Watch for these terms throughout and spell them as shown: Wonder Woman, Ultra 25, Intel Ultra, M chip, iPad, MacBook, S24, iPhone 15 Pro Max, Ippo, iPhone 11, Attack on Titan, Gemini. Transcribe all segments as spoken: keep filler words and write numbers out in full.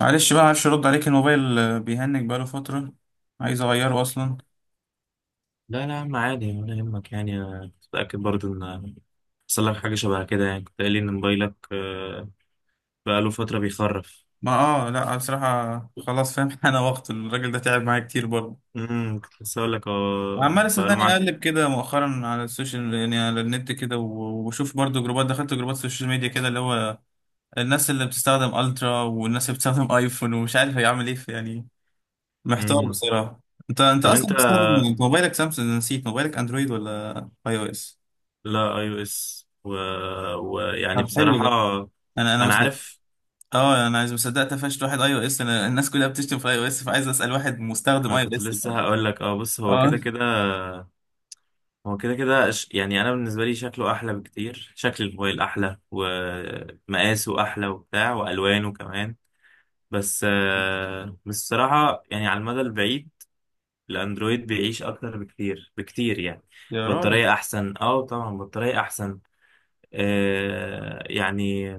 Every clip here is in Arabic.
معلش بقى، معرفش ارد عليك. الموبايل آه، بيهنج بقاله فترة. عايز اغيره اصلا. لا لا يا عم عادي ولا يهمك. يعني أنا كنت متأكد برضه إن حصل لك حاجة شبه كده. يعني كنت قايل لي إن موبايلك آه، بقاله فترة بيخرف. ما اه، لا بصراحة خلاص فاهم. انا وقت الراجل ده تعب معايا كتير برضه. امم كنت لسه أقول لك آه، عمال بقاله صدقني، معاك. اقلب كده مؤخرا على السوشيال، يعني على النت كده، و- وبشوف برضه جروبات، دخلت جروبات سوشيال ميديا كده، اللي هو الناس اللي بتستخدم الترا والناس اللي بتستخدم ايفون، ومش عارف هيعمل ايه في- يعني. محتار امم، بصراحة. انت انت طب أنت، اصلا بتستخدم، انت موبايلك سامسونج؟ أنا نسيت موبايلك اندرويد ولا اي او اس. لا أي أو إس و... ويعني طب، حلو بصراحة ده. انا انا أنا عارف. اه، انا مش مصدق قفشت واحد اي او اس. انا الناس كلها بتشتم في اي او اس، فعايز اسال واحد مستخدم أنا اي او كنت اس بقى. لسه هقول لك أه، بص، هو اه، كده كده، هو كده كده ش- يعني أنا بالنسبة لي شكله أحلى بكتير، شكل الموبايل أحلى ومقاسه أحلى وبتاع وألوانه كمان، بس آه، بس الصراحة يعني على المدى البعيد الأندرويد بيعيش أكتر بكتير بكتير يعني. يا راجل. بطارية أحسن، أه طبعا بطارية أحسن، آه يعني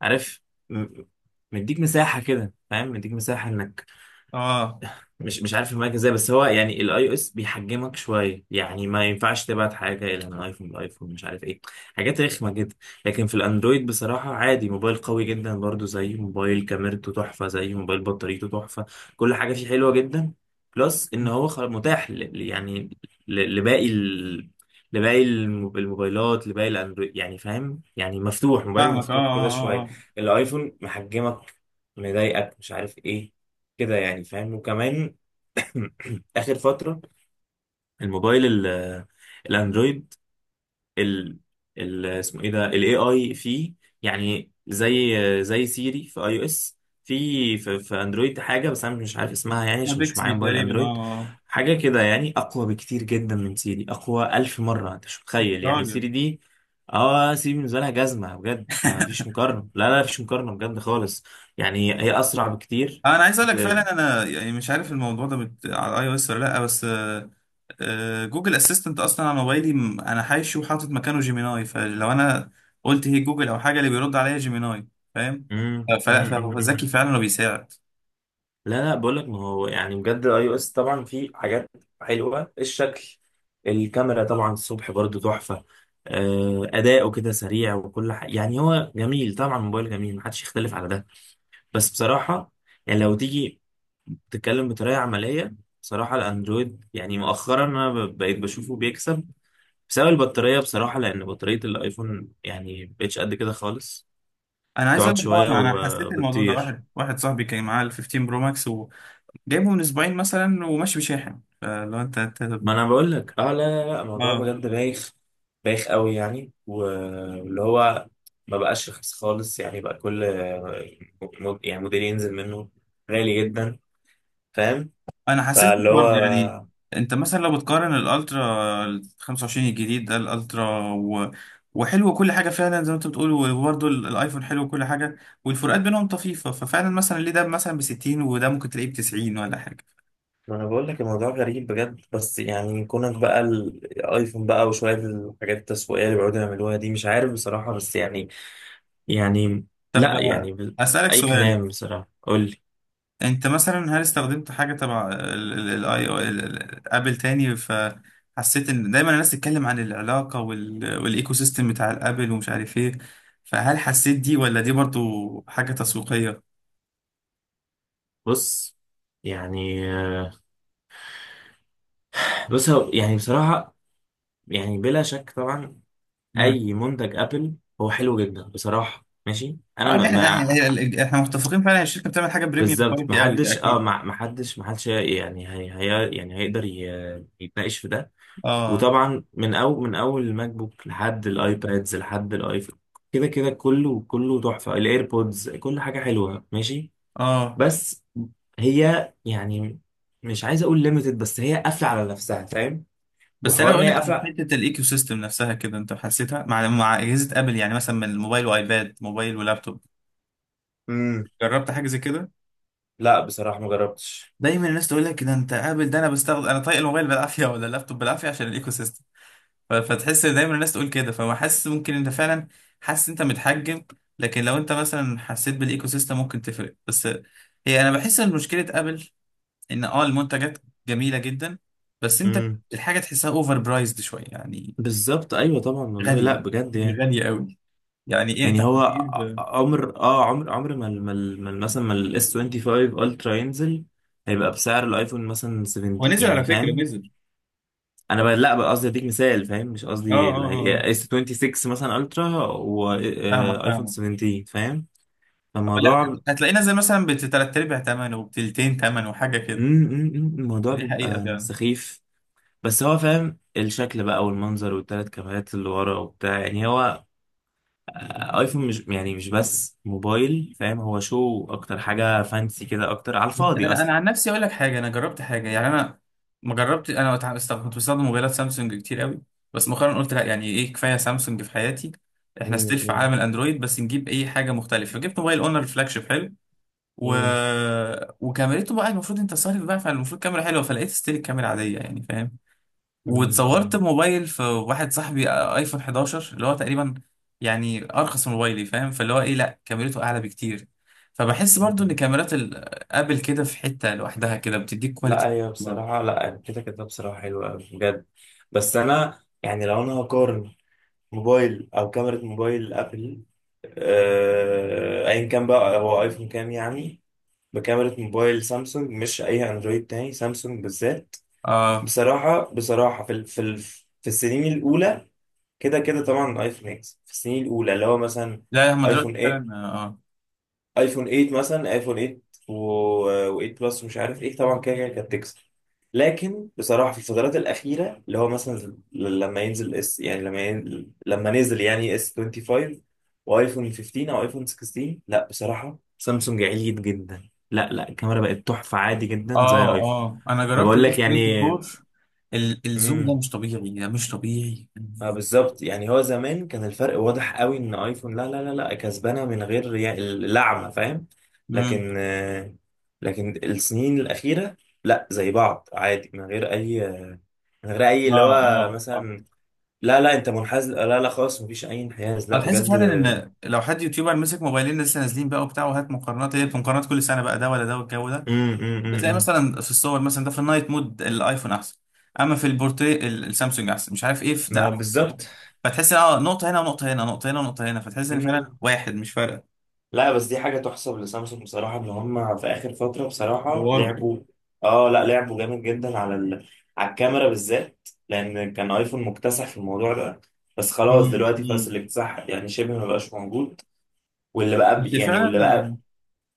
عارف، م- مديك مساحة كده فاهم، مديك مساحة إنك اه، مش مش عارف المايك ازاي. بس هو يعني الاي او اس بيحجمك شويه، يعني ما ينفعش تبعت حاجه الى من ايفون لايفون، مش عارف ايه، حاجات رخمه جدا. لكن في الاندرويد بصراحه عادي، موبايل قوي جدا برضو، زي موبايل كاميرته تحفه، زي موبايل بطاريته تحفه، كل حاجه فيه حلوه جدا. بلس ان هو خل- متاح ل- ل- يعني ل- لباقي ال... لباقي الم- الموبايلات، لباقي الاندرويد يعني، فاهم يعني؟ مفتوح، موبايل فاهمك. اه، مفتوح كده اه، شويه. اه. الايفون محجمك، مضايقك، مش عارف ايه كده يعني، فاهم؟ وكمان اخر فتره الموبايل ال- الاندرويد ال، ال اسمه ايه ده، الاي اي فيه، يعني زي زي سيري في اي او اس، في في في اندرويد حاجه بس انا مش عارف اسمها يعني اه، عشان مش معايا بيكسبي موبايل تقريبا. اه، اندرويد. اه. حاجه كده يعني اقوى بكتير جدا من سيري، اقوى ألف مره انت مش متخيل. يعني راجل. سيري دي، اه سيري بالنسبه لها جزمه بجد، ما فيش مقارنه، لا لا فيش مقارنه بجد خالص. يعني هي اسرع بكتير. انا عايز اقول لك بت- فعلا، انا يعني مش عارف الموضوع ده بت... على اي او اس ولا لا، بس آه، آه، جوجل اسيستنت اصلا على موبايلي، م- انا حاشي وحاطط مكانه جيميناي. فلو انا قلت هي جوجل او حاجه، اللي بيرد عليا جيميناي. فاهم. مم، آه، مم، فلا، مم، فهو مم. ذكي فعلا وبيساعد. لا لا، بقول لك ما هو يعني بجد الاي او اس طبعا فيه حاجات حلوه، الشكل، الكاميرا طبعا الصبح برضو تحفه، آه، اداؤه كده سريع وكل حاجه، يعني هو جميل طبعا، موبايل جميل محدش يختلف على ده. بس بصراحه يعني لو تيجي تتكلم بطريقه عمليه، بصراحه الاندرويد يعني مؤخرا انا ب- بقيت بشوفه بيكسب بسبب البطاريه بصراحه، لان بطاريه الايفون يعني مبقتش قد كده خالص، انا عايز تقعد اقول لك، اه شويه انا أنا حسيت الموضوع ده. وبتطير. واحد واحد صاحبي كان معاه ال خمسة عشر برو ماكس، وجايبه من اسبوعين مثلا، وماشي بشاحن. فلو انت انت. ما انا بقول لك، اه لا لا لا الموضوع اه، بجد بايخ، بايخ قوي يعني، واللي هو ما بقاش رخيص خالص يعني، بقى كل مود يعني موديل ينزل منه غالي جدا، فاهم؟ انا حسيت كده فاللي هو، برضه يعني. انت مثلا لو بتقارن الالترا ال خمسة وعشرين الجديد ده، الالترا و... وحلو كل حاجه فعلا زي ما انت بتقول، وبرضه ال- الايفون حلو كل حاجه. والفروقات بينهم طفيفه، ففعلا مثلا ليه ده مثلا ب ستين وده ممكن تلاقيه ب تسعين ولا حاجه؟ ما انا بقول لك الموضوع غريب بجد. بس يعني كونك بقى الايفون بقى وشويه الحاجات التسويقيه اللي بيقعدوا يعملوها دي، مش عارف بصراحه، بس يعني، يعني طب، لا آه، يعني ب- اسالك اي سؤال. كلام بصراحه، قول لي. انت مثلا هل استخدمت حاجه تبع الاي او ابل تاني؟ فحسيت ان دايما الناس تتكلم عن العلاقه وال- والايكو سيستم بتاع الابل ومش عارف ايه. فهل حسيت دي، ولا دي برضو حاجه تسويقيه؟ بص، يعني بص هو- يعني بصراحه يعني بلا شك طبعا امم. اي منتج ابل هو حلو جدا بصراحه ماشي. انا اه، ده ما, احنا ما احنا احنا متفقين فعلا، الشركه بتعمل حاجه بريميوم بالظبط. ما كواليتي قوي، ده حدش، اه اكيد. ما ما حدش ما حدش يعني، هي هي يعني هيقدر ي- يتناقش في ده. اه، وطبعا من اول، من اول الماك بوك لحد الايبادز لحد الايفون كده كده، كله كله تحفه، الايربودز، كل حاجه حلوه ماشي. اه. بس هي يعني، مش عايز اقول ليميتد، بس هي قافله على نفسها فاهم، بس انا وحوار ان بقول هي لك على قافله. حته الايكو سيستم نفسها كده، انت حسيتها مع مع اجهزه ابل، يعني مثلا من الموبايل وايباد، موبايل ولابتوب؟ امم، جربت حاجه زي كده؟ لا بصراحه ما جربتش. دايما الناس تقول لك، ده انت قابل ده، انا بستخدم، انا طايق الموبايل بالعافيه ولا اللابتوب بالعافيه عشان الايكو سيستم. ف- فتحس دايما الناس تقول كده، فما حاسس ممكن انت فعلا حاسس انت متحجم. لكن لو انت مثلا حسيت بالايكو سيستم ممكن تفرق، بس هي انا بحس ان مشكله ابل ان اه المنتجات جميله جدا، بس انت الحاجه تحسها اوفر برايزد شويه يعني. بالظبط، ايوه طبعا، والله لا غاليه، بجد يعني يعني. غاليه قوي. يعني ايه انت يعني هو هتجيب؟ ع- عمر، اه عمر عمر، ما ال- ما ال- ما ال- مثلا ما الاس خمسة وعشرين الترا ينزل هيبقى بسعر الايفون مثلا سبعين، هو نزل على يعني فكره، فاهم. نزل. انا بقى لا، بقى قصدي اديك مثال فاهم، مش اه، قصدي. اه، اه، آه. اس ستة وعشرين مثلا الترا فاهمك، وايفون فاهمك. سبعتاشر، فاهم؟ لا، فالموضوع م- هتلاقينا زي مثلا بتلات ارباع تمن وبتلتين تمن وحاجه م- كده. م- الموضوع دي حقيقه بيبقى فعلا. سخيف. بس هو فاهم، الشكل بقى والمنظر والتلات كاميرات اللي ورا وبتاع، يعني هو ايفون مش يعني مش بس موبايل فاهم، هو شو اكتر، حاجة فانسي كده اكتر على بس الفاضي انا انا اصلا. عن نفسي اقول لك حاجه. انا جربت حاجه، يعني انا ما جربت. انا وتع- است- كنت بستخدم موبايلات سامسونج كتير قوي. بس مؤخرا قلت لا، يعني ايه، كفايه سامسونج في حياتي. احنا مم، ستيل في مم، عالم الاندرويد، بس نجيب اي حاجه مختلفه. فجبت موبايل اونر فلاج شيب حلو و... مم، وكاميرته بقى المفروض، انت صارف بقى، فالمفروض كاميرا حلوه، فلقيت ستيل الكاميرا عاديه، يعني فاهم. مم، واتصورت مم، بموبايل في واحد صاحبي ايفون حداشر، اللي هو تقريبا يعني ارخص من موبايلي فاهم، فاللي هو ايه، لا، كاميرته اعلى بكتير. فبحس برضو ان مم. كاميرات ال- ابل كده في حتة لوحدها كده، بتديك كواليتي. لا هي برضو. بصراحة، لا كده كده بصراحة حلوة أوي بجد، بس أنا يعني لو أنا هقارن موبايل أو كاميرا موبايل أبل آه، أيا كان بقى، هو أيفون كام يعني، بكاميرا موبايل سامسونج، مش أي أندرويد تاني، سامسونج بالذات. اه، بصراحة بصراحة في ال- في ال- في السنين الأولى كده كده طبعا الايفون اكس، في السنين الاولى اللي هو مثلا لا، هما دلوقتي ايفون فعلا. تمانية، اه، ايفون تمانية مثلا، ايفون تمانية و8 بلس ومش عارف ايه طبعا كده كده كانت تكسب. لكن بصراحه في الفترات الاخيره اللي هو مثلا ل- لما ينزل اس، يعني لما ينزل، لما نزل يعني اس خمسة وعشرين وايفون خمستاشر او ايفون ستة عشر، لا بصراحه سامسونج عليت جدا، لا لا، الكاميرا بقت تحفه عادي جدا اه، زي اه، ايفون. آه. انا جربت فبقول لك الاس يعني أربعة وعشرين، ال- الزوم ده مش طبيعي، ده مش طبيعي. ما بالظبط، يعني هو زمان كان الفرق واضح قوي ان ايفون لا لا لا لا كسبانه من غير يا- اللعمه، فاهم؟ امم. لكن آه، لكن السنين الاخيره لا زي بعض عادي من غير اي، من غير اي اه، اللي هو اه، اه. مثلا، لا لا انت منحاز، لا لا، خلاص مفيش اي انحياز لا هتحس بجد. فعلا امم ان لو حد يوتيوبر مسك موبايلين لسه نازلين بقى وبتاع وهات مقارنات، هي مقارنات كل سنه بقى، ده ولا ده والجو ده. امم امم بتلاقي إمم. مثلا في الصور مثلا ده في النايت مود الايفون احسن، اما في البورتري ال- السامسونج احسن، مش عارف ايه في ده ما بالظبط. أحسن. فتحس ان اه نقطه هنا ونقطه هنا، نقطه هنا ونقطه هنا، فتحس ان فعلا إمم. واحد مش فارقه. لا بس دي حاجة تحسب لسامسونج بصراحة إن هم في آخر فترة بصراحة طوروا. لعبوا، آه لا لعبوا جامد جدا على ال... على الكاميرا بالذات، لأن كان آيفون مكتسح في الموضوع ده، بس خلاص مم، دلوقتي خلاص مم. الاكتساح يعني شبه ما بقاش موجود. واللي بقى بس بي... يعني واللي فعلا. بقى،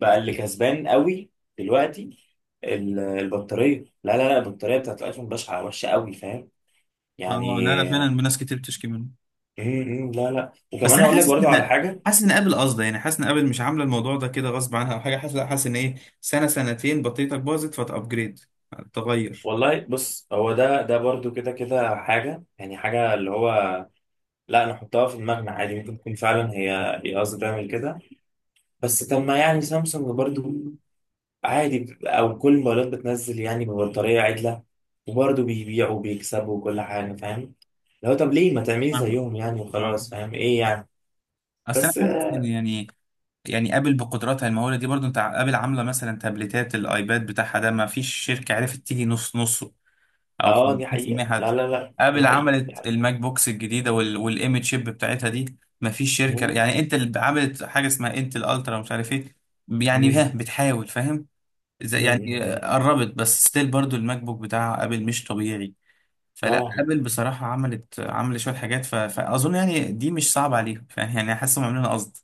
بقى اللي كسبان قوي دلوقتي ال- البطارية، لا لا لا البطارية بتاعت الآيفون بشعة، وحشة قوي فاهم يعني. اه، لا، لا، فعلا ناس كتير بتشكي منه. م- م- لا لا، بس وكمان انا أقول لك حاسس برضو على ان، حاجة. حاسس ان ابل قصده، يعني حاسس ان ابل مش عامله الموضوع ده كده غصب عنها او حاجه، حاسس لا، حاسس ان ايه، سنه سنتين بطاريتك باظت فتابجريد، تغير. والله بص هو ده ده برضو كده كده حاجة، يعني حاجة اللي هو لا نحطها في دماغنا عادي، ممكن تكون فعلا هي، هي قصدي تعمل كده، بس طب ما يعني سامسونج برضو عادي، أو كل الموبايلات بتنزل يعني ببطارية عدلة وبرضو بيبيعوا وبيكسبوا وكل حاجة فاهم. لو طب ليه ما تعملي فاهمك. زيهم يعني، وخلاص اه. فاهم إيه يعني. اصل انا بس حاسس ان يعني، يعني ابل بقدراتها المهوله دي برضو، انت ع- ابل عامله مثلا تابلتات الايباد بتاعها ده، ما فيش شركه عرفت تيجي نص نص، او آه دي خمسين بالمية حقيقة، لا حتى. لا لا دي ابل حقيقة دي عملت حقيقة. الماك بوكس الجديده وال والام تشيب بتاعتها دي، ما فيش شركه، مم. يعني انت اللي عملت حاجه اسمها انتل الترا ومش عارف ايه، يعني ها مم. بتحاول فاهم. زي- مم. يعني مم. قربت، بس ستيل برضو الماك بوك بتاع ابل مش طبيعي. فلا، طبعا ابل بصراحه عملت عملت شويه حاجات، ف... فاظن يعني دي مش صعبه عليهم، يعني حاسس هم عاملينها قصد.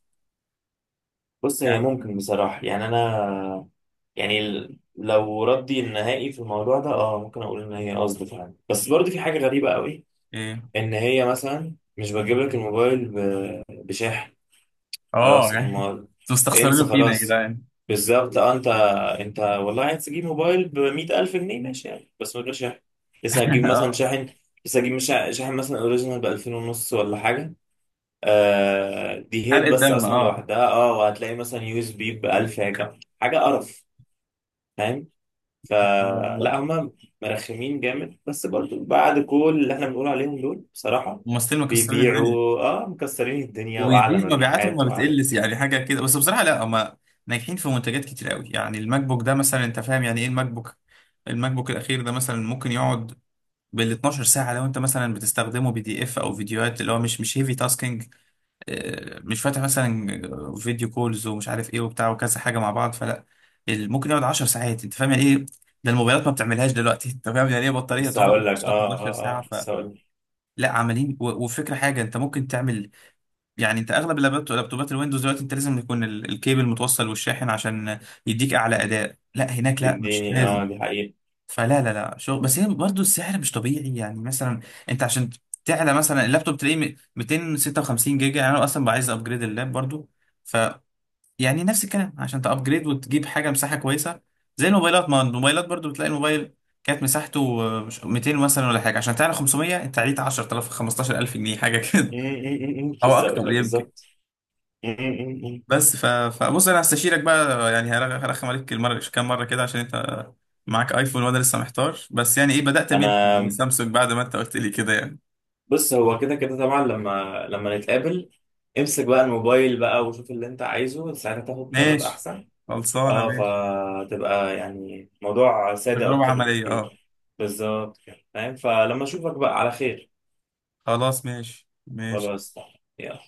بص هي يعني ممكن بصراحة يعني، أنا يعني ال- لو ردي النهائي في الموضوع ده، اه ممكن اقول ان هي قصد فعلا، بس برضه في حاجه غريبه قوي إيه. ان هي مثلا مش بتجيب لك الموبايل ب- بشاحن. اه، خلاص يعني امال، انتوا انسى مستخسرينه فينا يا خلاص. جدعان؟ بالظبط، اه انت، انت والله عايز تجيب موبايل ب مائة ألف جنيه ماشي يعني، بس من غير شاحن، لسه هتجيب مثلا اه، شاحن، لسه هتجيب شا- شاحن مثلا اوريجينال ب ألفين ونص ولا حاجه، آه دي حرق هيد بس الدم، اصلا اه. لوحدها اه، وهتلاقي مثلا يو اس بي ب ألف حاجه، حاجه قرف فاهم؟ لا، فلا لا. هم مرخمين جامد، بس برضو بعد كل اللي احنا بنقول عليهم دول بصراحة الممثلين مكسرين الدنيا، بيبيعوا، اه مكسرين الدنيا واعلى وبيزيد مبيعاتهم، مبيعات ما واعلى. بتقلش يعني حاجه كده. بس بصراحه لا، هما ناجحين في منتجات كتير قوي. يعني الماك بوك ده مثلا، انت فاهم يعني ايه الماك بوك. الماك بوك الاخير ده مثلا ممكن يقعد بال اتناشر ساعه، لو انت مثلا بتستخدمه بي دي اف او فيديوهات اللي هو مش مش هيفي تاسكينج، آه، مش فاتح مثلا فيديو كولز ومش عارف ايه وبتاع وكذا حاجه مع بعض. فلا، ال- ممكن يقعد عشر ساعات. انت فاهم يعني ايه؟ ده الموبايلات ما بتعملهاش دلوقتي. انت فاهم يعني ايه بطاريه بس تقعد هقول لك، عشرة، اه حداشر اه ساعه؟ اه بس فلا. هقول لك، عمالين و- وفكره، حاجه انت ممكن تعمل، يعني انت اغلب اللابتو- لابتوبات الويندوز دلوقتي، انت لازم يكون ال- الكيبل متوصل والشاحن عشان يديك اعلى اداء. لا، هناك لا، مش يديني، لازم. اه دي حقيقة. فلا، لا، لا، شغل. بس هي برضه السعر مش طبيعي، يعني مثلا انت عشان تعلى مثلا اللابتوب، تلاقيه م- ميتين وستة وخمسين جيجا، يعني انا اصلا بقى عايز ابجريد اللاب برضه. ف، يعني نفس الكلام، عشان تابجريد وتجيب حاجه مساحه كويسه. زي الموبايلات، ما الموبايلات برضه بتلاقي الموبايل كانت مساحته آه، مش- ميتين مثلا ولا حاجه، عشان تعلى خمس ميه، انت عليت عشرة الاف، خمستاشر الف جنيه حاجه م- كده. م- م- م. او لسه هقول اكتر لك يمكن. بالظبط. م- م- م- م. بس ف... فبص انا هستشيرك بقى يعني، هرخ- هرخم عليك المره، كام مره كده، عشان انت معاك ايفون وانا لسه محتار، بس يعني ايه بدات من انا السامسونج بعد ما انت قلت لي كده يعني. بص هو كده كده طبعا لما، لما نتقابل، امسك بقى الموبايل بقى وشوف اللي انت عايزه، ساعتها تاخد قرار ماشي. احسن، خلصانه اه، ماشي. فتبقى يعني موضوع سادة تجربه أكتر عمليه اه. بكتير. بالظبط كده فاهم، فلما أشوفك بقى على خير. خلاص، ماشي ماشي. خلاص. يلا.